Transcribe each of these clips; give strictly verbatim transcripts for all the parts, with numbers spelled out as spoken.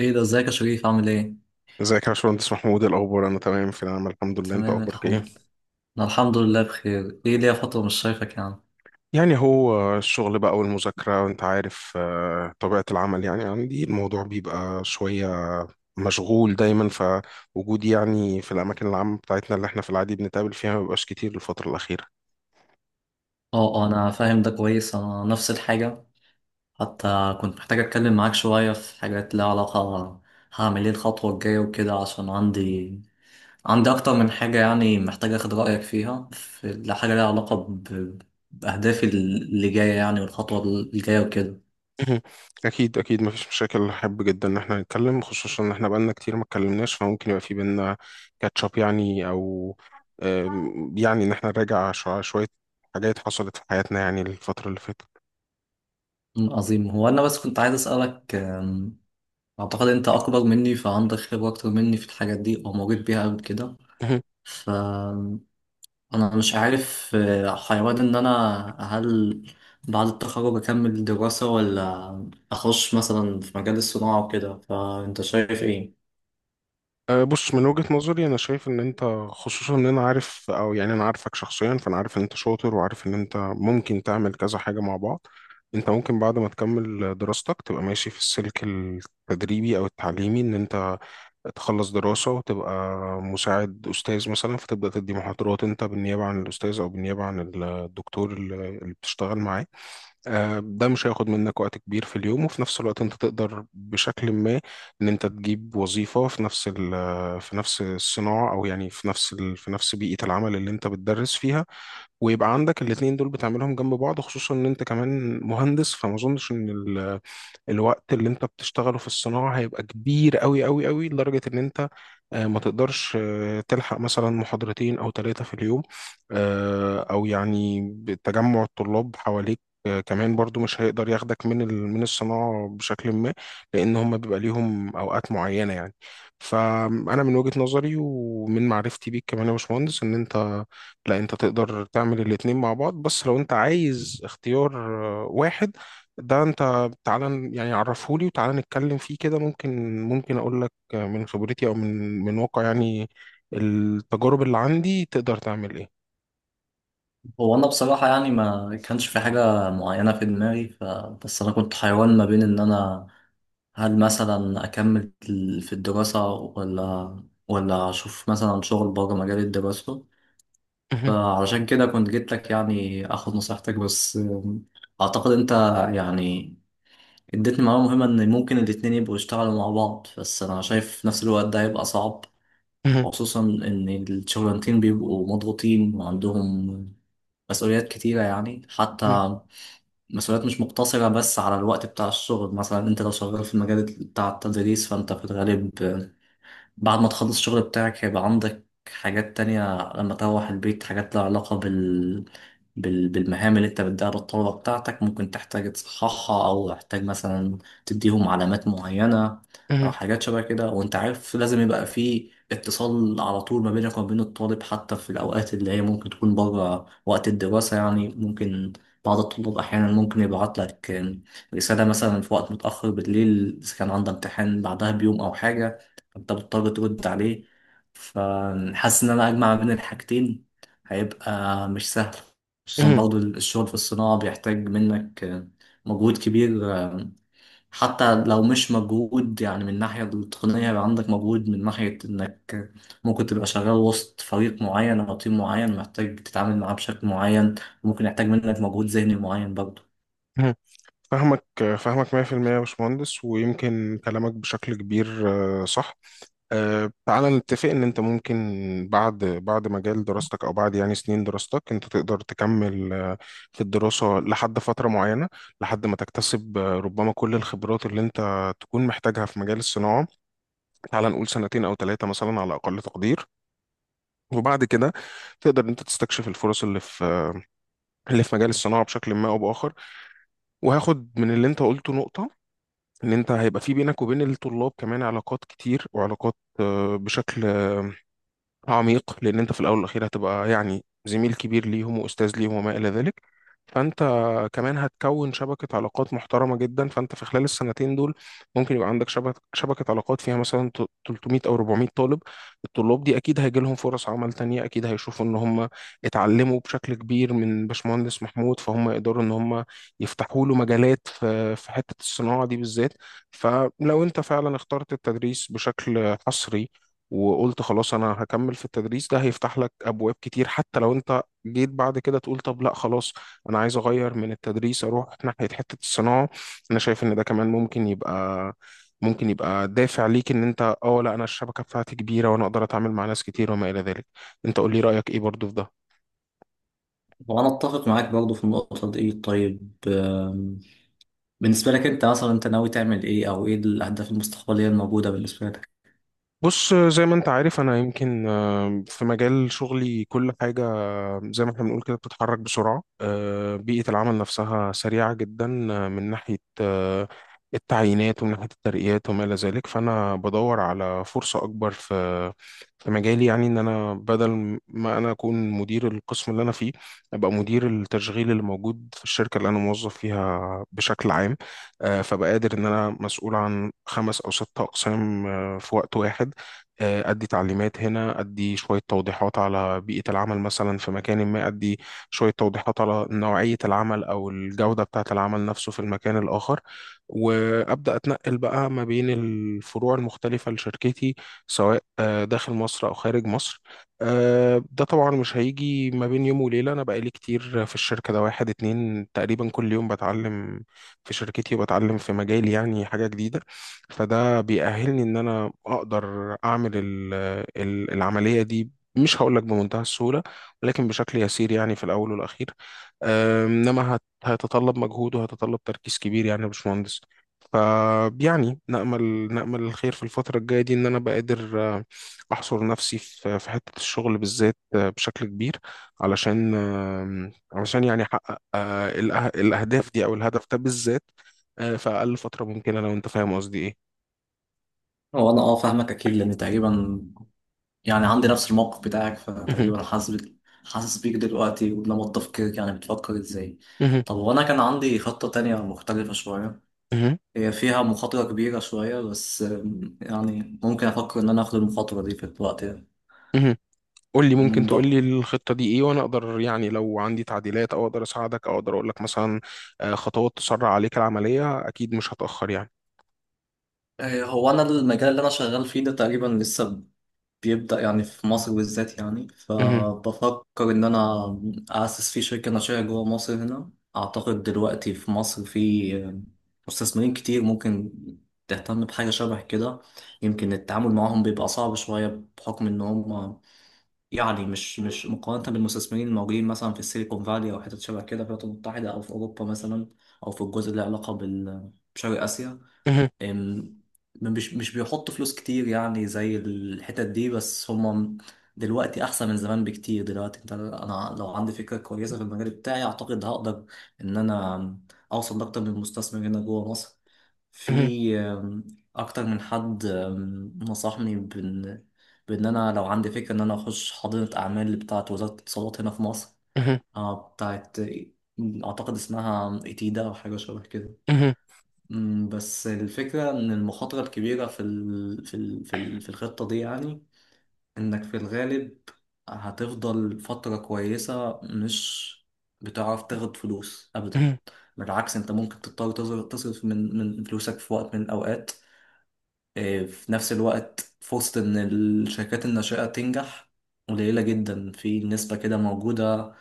ايه ده، ازيك يا شريف؟ عامل ايه؟ ازيك يا باشمهندس محمود، إيه الاخبار؟ انا تمام، في نعم الحمد لله. انت تمام اخبارك الحمد ايه؟ لله. انا الحمد لله بخير. ايه ليا فترة مش شايفك يعني. يعني هو الشغل بقى والمذاكره وانت عارف، آه، طبيعه العمل. يعني عندي الموضوع بيبقى شويه مشغول دايما. فوجودي يعني في الاماكن العامه بتاعتنا اللي احنا في العادي بنتقابل فيها ما بيبقاش كتير الفتره الاخيره. اه اه، انا فاهم ده كويس، انا نفس الحاجة. حتى كنت محتاج اتكلم معاك شوية في حاجات ليها علاقة. هعمل ايه الخطوة الجاية وكده؟ عشان عندي عندي اكتر من حاجة يعني، محتاج اخد رأيك فيها، في حاجة ليها علاقة ب... بأهدافي اللي جاية يعني والخطوة الجاية وكده. مهم. اكيد اكيد مفيش مشاكل، احب جدا ان احنا نتكلم، خصوصا ان احنا بقالنا كتير ما اتكلمناش، فممكن يبقى في بينا كاتشاب يعني، او آم، يعني ان احنا نراجع شو- شويه حاجات حصلت في حياتنا يعني الفترة اللي فاتت. أمم، عظيم. هو انا بس كنت عايز اسألك، أعتقد أنت أكبر مني فعندك خبرة أكتر مني في الحاجات دي أو مريت بيها قبل كده. مهم. فأنا مش عارف آه، حيوان إن أنا، هل بعد التخرج أكمل دراسة، ولا أخش مثلا في مجال الصناعة وكده؟ فأنت شايف إيه؟ أه، بص، من وجهة نظري أنا شايف إن أنت، خصوصا إن أنا عارف، أو يعني أنا عارفك شخصيا، فأنا عارف إن أنت شاطر وعارف إن أنت ممكن تعمل كذا حاجة مع بعض. أنت ممكن بعد ما تكمل دراستك تبقى ماشي في السلك التدريبي أو التعليمي، إن أنت تخلص دراسة وتبقى مساعد أستاذ مثلا، فتبدأ تدي محاضرات أنت بالنيابة عن الأستاذ أو بالنيابة عن الدكتور اللي اللي بتشتغل معاه. آه، ده مش هياخد منك وقت كبير في اليوم، وفي نفس الوقت انت تقدر بشكل ما ان انت تجيب وظيفة في نفس ال- في نفس الصناعة، او يعني في نفس ال- في نفس بيئة العمل اللي انت بتدرس فيها. ويبقى عندك الاتنين دول بتعملهم جنب بعض، خصوصا ان انت كمان مهندس، فما اظنش ان ال- الوقت اللي انت بتشتغله في الصناعة هيبقى كبير قوي قوي قوي لدرجة ان انت آه، ما تقدرش آه، تلحق مثلا محاضرتين او ثلاثة في اليوم، آه، او يعني تجمع الطلاب حواليك. آه، كمان برضو مش هيقدر ياخدك من ال- من الصناعة بشكل ما، لأن هم بيبقى ليهم أوقات معينة يعني. فأنا من وجهة نظري ومن معرفتي بيك كمان يا باشمهندس، إن أنت لا، أنت تقدر تعمل الاتنين مع بعض، بس لو أنت عايز اختيار آه، واحد، ده أنت تعالى ن- يعني عرفهولي وتعالى نتكلم فيه كده، ممكن ممكن اقول لك من خبرتي او من من واقع يعني التجارب اللي عندي تقدر تعمل ايه. هو أنا بصراحة يعني ما كانش في حاجة معينة في دماغي، ف... بس أنا كنت حيوان ما بين إن أنا، هل مثلا أكمل في الدراسة، ولا ولا أشوف مثلا شغل بره مجال الدراسة. مهم، فعلشان كده كنت جيت لك يعني اخد نصيحتك. بس آم، اعتقد انت يعني اديتني معلومة مهمة، ان ممكن الاتنين يبقوا يشتغلوا مع بعض. بس انا شايف في نفس الوقت ده هيبقى صعب، مهم، خصوصا ان الشغلانتين بيبقوا مضغوطين وعندهم مسؤوليات كتيرة يعني. مهم، حتى مسؤوليات مش مقتصرة بس على الوقت بتاع الشغل. مثلا انت لو شغال في المجال بتاع التدريس، فانت في الغالب بعد ما تخلص الشغل بتاعك هيبقى عندك حاجات تانية لما تروح البيت، حاجات لها علاقة بال... بال... بالمهام اللي انت بتديها للطلبة بتاعتك، ممكن تحتاج تصححها، او تحتاج مثلا تديهم علامات معينة او مهم، حاجات شبه كده. وانت عارف لازم يبقى في اتصال على طول ما بينك وما بين الطالب، حتى في الاوقات اللي هي ممكن تكون بره وقت الدراسة. يعني ممكن بعض الطلاب احيانا ممكن يبعت لك رسالة مثلا في وقت متأخر بالليل اذا كان عندها امتحان بعدها بيوم او حاجة، انت بتضطر ترد عليه. فحاسس ان انا اجمع بين الحاجتين هيبقى مش سهل، خصوصا مهم، برضو الشغل في الصناعة بيحتاج منك مجهود كبير. حتى لو مش مجهود يعني من الناحية التقنية، يبقى عندك مجهود من ناحية انك ممكن تبقى شغال وسط فريق معين او تيم معين محتاج تتعامل معاه بشكل معين، وممكن يحتاج منك مجهود ذهني معين برضو. مهم. فاهمك فاهمك مية في المية يا باشمهندس، ويمكن كلامك بشكل كبير آه، صح. أه تعالى نتفق ان انت ممكن بعد بعد مجال دراستك، او بعد يعني سنين دراستك، انت تقدر تكمل آه، في الدراسة لحد فترة معينة، لحد ما تكتسب آه، ربما كل الخبرات اللي انت تكون محتاجها في مجال الصناعة. تعالى نقول سنتين او ثلاثة مثلا على اقل تقدير، وبعد كده تقدر إن انت تستكشف الفرص اللي في اللي في مجال الصناعة بشكل ما او باخر. وهاخد من اللي انت قلته نقطة، ان انت هيبقى في بينك وبين الطلاب كمان علاقات كتير، وعلاقات آه، بشكل عميق، لان انت في الاول والاخير هتبقى يعني زميل كبير ليهم واستاذ ليهم وما الى ذلك. فانت كمان هتكون شبكه علاقات محترمه جدا. فانت في خلال السنتين دول ممكن يبقى عندك شبكه شبكه علاقات فيها مثلا ت- تلتمية او أربعمئة طالب. الطلاب دي اكيد هيجي لهم فرص عمل تانية، اكيد هيشوفوا ان هم اتعلموا بشكل كبير من باشمهندس محمود، فهم يقدروا ان هم يفتحوا له مجالات في في حته الصناعه دي بالذات. فلو انت فعلا اخترت التدريس بشكل حصري وقلت خلاص انا هكمل في التدريس، ده هيفتح لك ابواب كتير، حتى لو انت جيت بعد كده تقول طب لا خلاص انا عايز اغير من التدريس اروح ناحية حتة الصناعة، انا شايف ان ده كمان ممكن يبقى ممكن يبقى دافع ليك ان انت اه لا، انا الشبكة بتاعتي كبيرة وانا اقدر اتعامل مع ناس كتير وما الى ذلك. انت قول لي رأيك ايه برضو في ده. وانا اتفق معاك برضو في النقطة دي. طيب، بالنسبة لك انت، مثلا انت ناوي تعمل ايه، او ايه الاهداف المستقبلية الموجودة بالنسبة لك؟ بص، زي ما انت عارف انا يمكن آه، في مجال شغلي كل حاجة زي ما احنا بنقول كده بتتحرك بسرعة. آه، بيئة العمل نفسها سريعة جدا، آه، من ناحية آه، التعيينات ومن ناحية الترقيات وما إلى ذلك. فأنا بدور على فرصة أكبر في في مجالي، يعني إن أنا بدل ما أنا أكون مدير القسم اللي أنا فيه أبقى مدير التشغيل اللي موجود في الشركة اللي أنا موظف فيها بشكل عام. آه، فبقى قادر إن أنا مسؤول عن خمس أو ست أقسام آه، في وقت واحد. آه، أدي تعليمات هنا، أدي شوية توضيحات على بيئة العمل مثلا في مكان ما، أدي شوية توضيحات على نوعية العمل أو الجودة بتاعة العمل نفسه في المكان الآخر، وأبدأ أتنقل بقى ما بين الفروع المختلفة لشركتي، سواء آه، داخل مصر أو خارج مصر. آه، ده طبعا مش هيجي ما بين يوم وليلة، أنا بقالي كتير في الشركة ده، واحد اتنين تقريبا كل يوم بتعلم في شركتي وبتعلم في مجالي يعني حاجة جديدة، فده بيأهلني ان انا اقدر اعمل ال- ال- العملية دي. مش هقول لك بمنتهى السهولة ولكن بشكل يسير يعني في الاول والاخير. أم، انما هت- هيتطلب مجهود وهيتطلب تركيز كبير يعني يا باشمهندس. فيعني نأمل نأمل الخير في الفترة الجاية دي، إن أنا أبقى قادر آه، أحصر نفسي في في حتة الشغل بالذات آه، بشكل كبير، علشان آم، علشان يعني أحقق آه، الأه- الأهداف دي أو الهدف ده بالذات آه، في أقل فترة ممكنة، لو أنت فاهم قصدي إيه. هو انا اه فاهمك اكيد، لان تقريبا يعني عندي نفس الموقف بتاعك، مهم. فتقريبا حاسس بك، حاسس بيك دلوقتي ولما تفكيرك يعني بتفكر ازاي. مهم. طب وانا كان عندي خطة تانية مختلفة شوية، مهم. هي فيها مخاطرة كبيرة شوية، بس ام، يعني ممكن افكر ان انا اخد المخاطرة دي في الوقت ده. مهم. قول لي، ممكن ام، تقول بق- لي الخطة دي ايه، وانا اقدر يعني لو عندي تعديلات او اقدر اساعدك او اقدر اقول لك مثلا آه، خطوات تسرع عليك العملية، اكيد مش هتأخر يعني. اه، هو انا المجال اللي انا شغال فيه ده تقريبا لسه بيبدأ يعني في مصر بالذات يعني، مهم. فبفكر إن أنا أأسس فيه شركة ناشئة جوه مصر هنا. أعتقد دلوقتي في مصر في مستثمرين كتير ممكن تهتم بحاجة شبه كده. يمكن التعامل معاهم بيبقى صعب شوية بحكم إن هم يعني، مش مش مقارنة بالمستثمرين الموجودين مثلا في السيليكون فالي أو حتت شبه كده في الولايات المتحدة أو في أوروبا مثلا، أو في الجزء اللي له علاقة بال... بشرق آسيا. مهم. أم، مش مش بيحطوا فلوس كتير يعني زي الحتت دي. بس هم دلوقتي احسن من زمان بكتير. دلوقتي انت، انا لو عندي فكرة كويسة في المجال بتاعي اعتقد هقدر ان انا اوصل لاكتر من مستثمر هنا جوه مصر. مهم. في أم، اكتر من حد أم، نصحني بان بان انا لو عندي فكرة ان انا اخش حاضنة اعمال بتاعة وزارة الاتصالات هنا في مصر. مهم. آه، بتاعت، اعتقد اسمها ايتيدا او حاجة شبه كده. مهم. مم، بس الفكرة إن المخاطرة الكبيرة في ال... في ال... في ال... في الخطة دي يعني، إنك في الغالب هتفضل فترة كويسة مش بتعرف تاخد فلوس أبدا، مهم. بالعكس أنت ممكن تضطر تصر- تصرف من من فلوسك في وقت من الأوقات. إيه، في نفس الوقت فرصة إن الشركات الناشئة تنجح قليلة جدا، في نسبة كده موجودة.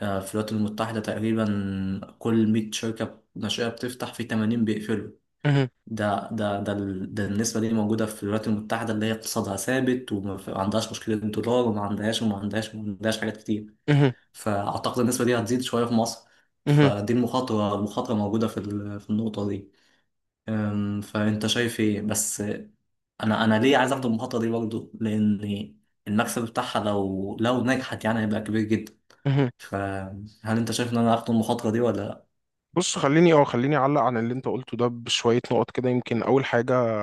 آه، في الولايات المتحدة تقريبا كل مية شركة ناشئة بتفتح في تمانين بيقفلوا. مهم. ده ده ده ال- ده النسبة دي موجودة في الولايات المتحدة اللي هي اقتصادها ثابت، وما في- ما عندهاش مشكلة دولار، وما عندهاش وما عندهاش وما عندهاش حاجات كتير. مهم. فأعتقد النسبة دي هتزيد شوية في مصر. مهم. فدي المخاطرة، المخاطرة موجودة في ال... في النقطة دي. أم، فأنت شايف إيه؟ بس أنا، أنا ليه عايز أخد المخاطرة دي برضه؟ لأن المكسب بتاعها لو لو نجحت يعني هيبقى كبير جدا. مهم. فهل أنت شايف إن أنا أخد المخاطرة دي ولا؟ بص، خليني او خليني اعلق عن اللي انت قلته ده بشوية نقط كده. يمكن اول حاجة،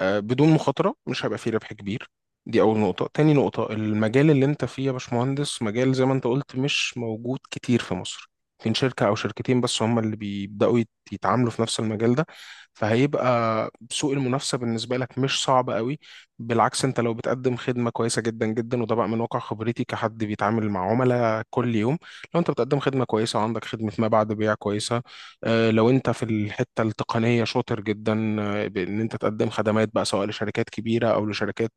آه، بدون مخاطرة مش هيبقى فيه ربح كبير، دي أول نقطة. تاني نقطة، المجال اللي أنت فيه يا باشمهندس مجال زي ما أنت قلت مش موجود كتير في مصر، يمكن شركة أو شركتين بس هم اللي بيبدأوا يت- يتعاملوا في نفس المجال ده، فهيبقى سوق المنافسة بالنسبة لك مش صعب قوي. بالعكس، أنت لو بتقدم خدمة كويسة جدا جدا، وده بقى من واقع خبرتي كحد بيتعامل مع عملاء كل يوم، لو أنت بتقدم خدمة كويسة وعندك خدمة ما بعد بيع كويسة، آه، لو انت في الحته التقنيه شاطر جدا آه، بان انت تقدم خدمات بقى سواء لشركات كبيره او لشركات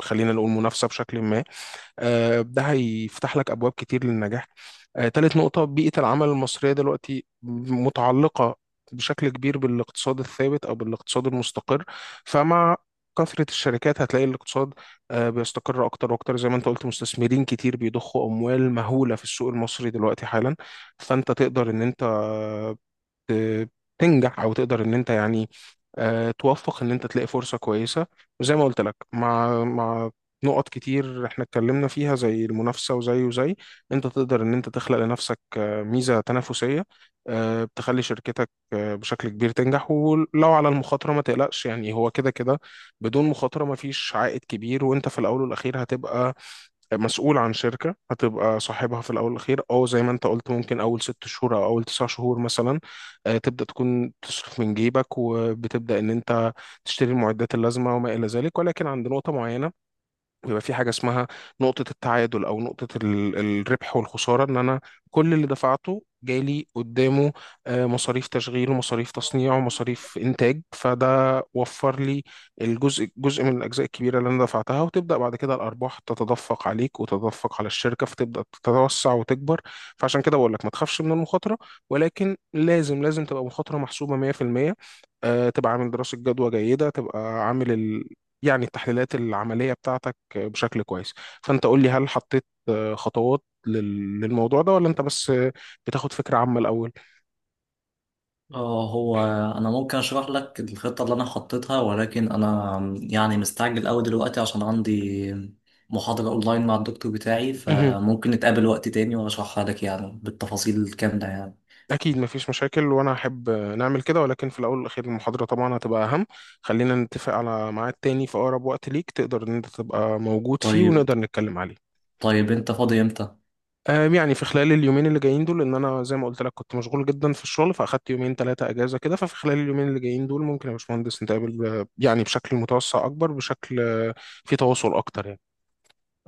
خلينا نقول منافسه بشكل ما، آه، ده هيفتح لك ابواب كتير للنجاح. آه، تالت نقطه، بيئه العمل المصريه دلوقتي متعلقه بشكل كبير بالاقتصاد الثابت او بالاقتصاد المستقر. فمع كثرة الشركات هتلاقي الاقتصاد آه، بيستقر أكتر وأكتر، زي ما أنت قلت مستثمرين كتير بيضخوا أموال مهولة في السوق المصري دلوقتي حالا. فأنت تقدر إن أنت ت- تنجح، او تقدر ان انت يعني آه، توفق ان انت تلاقي فرصه كويسه. وزي ما قلت لك مع مع نقط كتير احنا اتكلمنا فيها زي المنافسه وزي وزي انت تقدر ان انت تخلق لنفسك آه، ميزه تنافسيه آه، بتخلي شركتك آه، بشكل كبير تنجح. ولو على المخاطره ما تقلقش يعني، هو كده كده بدون مخاطره ما فيش عائد كبير، وانت في الاول والاخير هتبقى مسؤول عن شركة هتبقى صاحبها في الأول والأخير. أو زي ما أنت قلت ممكن أول ست شهور أو أول تسع شهور مثلا آه، تبدأ تكون تصرف من جيبك وبتبدأ إن أنت تشتري المعدات اللازمة وما إلى ذلك، ولكن عند نقطة معينة ويبقى في حاجة اسمها نقطة التعادل أو نقطة ال- الربح والخسارة، إن أنا كل اللي دفعته جالي قدامه آه، مصاريف تشغيل ومصاريف تصنيع ومصاريف إنتاج، فده وفر لي الجزء، جزء من الأجزاء الكبيرة اللي أنا دفعتها، وتبدأ بعد كده الأرباح تتدفق عليك وتتدفق على الشركة فتبدأ تتوسع وتكبر. فعشان كده بقول لك ما تخافش من المخاطرة، ولكن لازم لازم تبقى مخاطرة محسوبة مية في المية. آه، تبقى عامل دراسة جدوى جيدة، تبقى عامل ال... يعني التحليلات العملية بتاعتك بشكل كويس. فانت قول لي هل حطيت آه، خطوات لل- للموضوع ده، ولا انت بس آه، بتاخد فكرة عامة الاول. اه، هو انا ممكن اشرح لك الخطه اللي انا حطيتها، ولكن انا يعني مستعجل قوي دلوقتي عشان عندي محاضره اونلاين مع الدكتور بتاعي. مهم. فممكن نتقابل وقت تاني واشرحها لك يعني بالتفاصيل الكامله يعني. اكيد مفيش مشاكل وانا احب آه، نعمل كده، ولكن في الاول والاخير المحاضرة طبعا هتبقى اهم. خلينا نتفق على ميعاد تاني في اقرب وقت ليك تقدر ان انت تبقى موجود فيه طيب، ونقدر نتكلم عليه. طيب انت فاضي امتى؟ آم، يعني في خلال اليومين اللي جايين دول ان انا زي ما قلت لك كنت مشغول جدا في الشغل، فاخدت يومين ثلاثه اجازه كده، ففي خلال اليومين اللي جايين دول ممكن يا باشمهندس نتقابل ب- يعني بشكل متوسع اكبر بشكل آه، في تواصل اكتر يعني.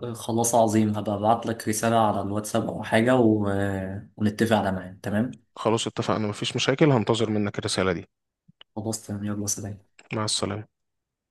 آه، خلاص عظيم، هبقى ابعت لك رساله على الواتساب او حاجه، و... ونتفق على ميعاد. تمام. خلاص اتفقنا مفيش مشاكل، هنتظر منك الرسالة دي. خلاص تمام، يلا سلام. مع السلامة.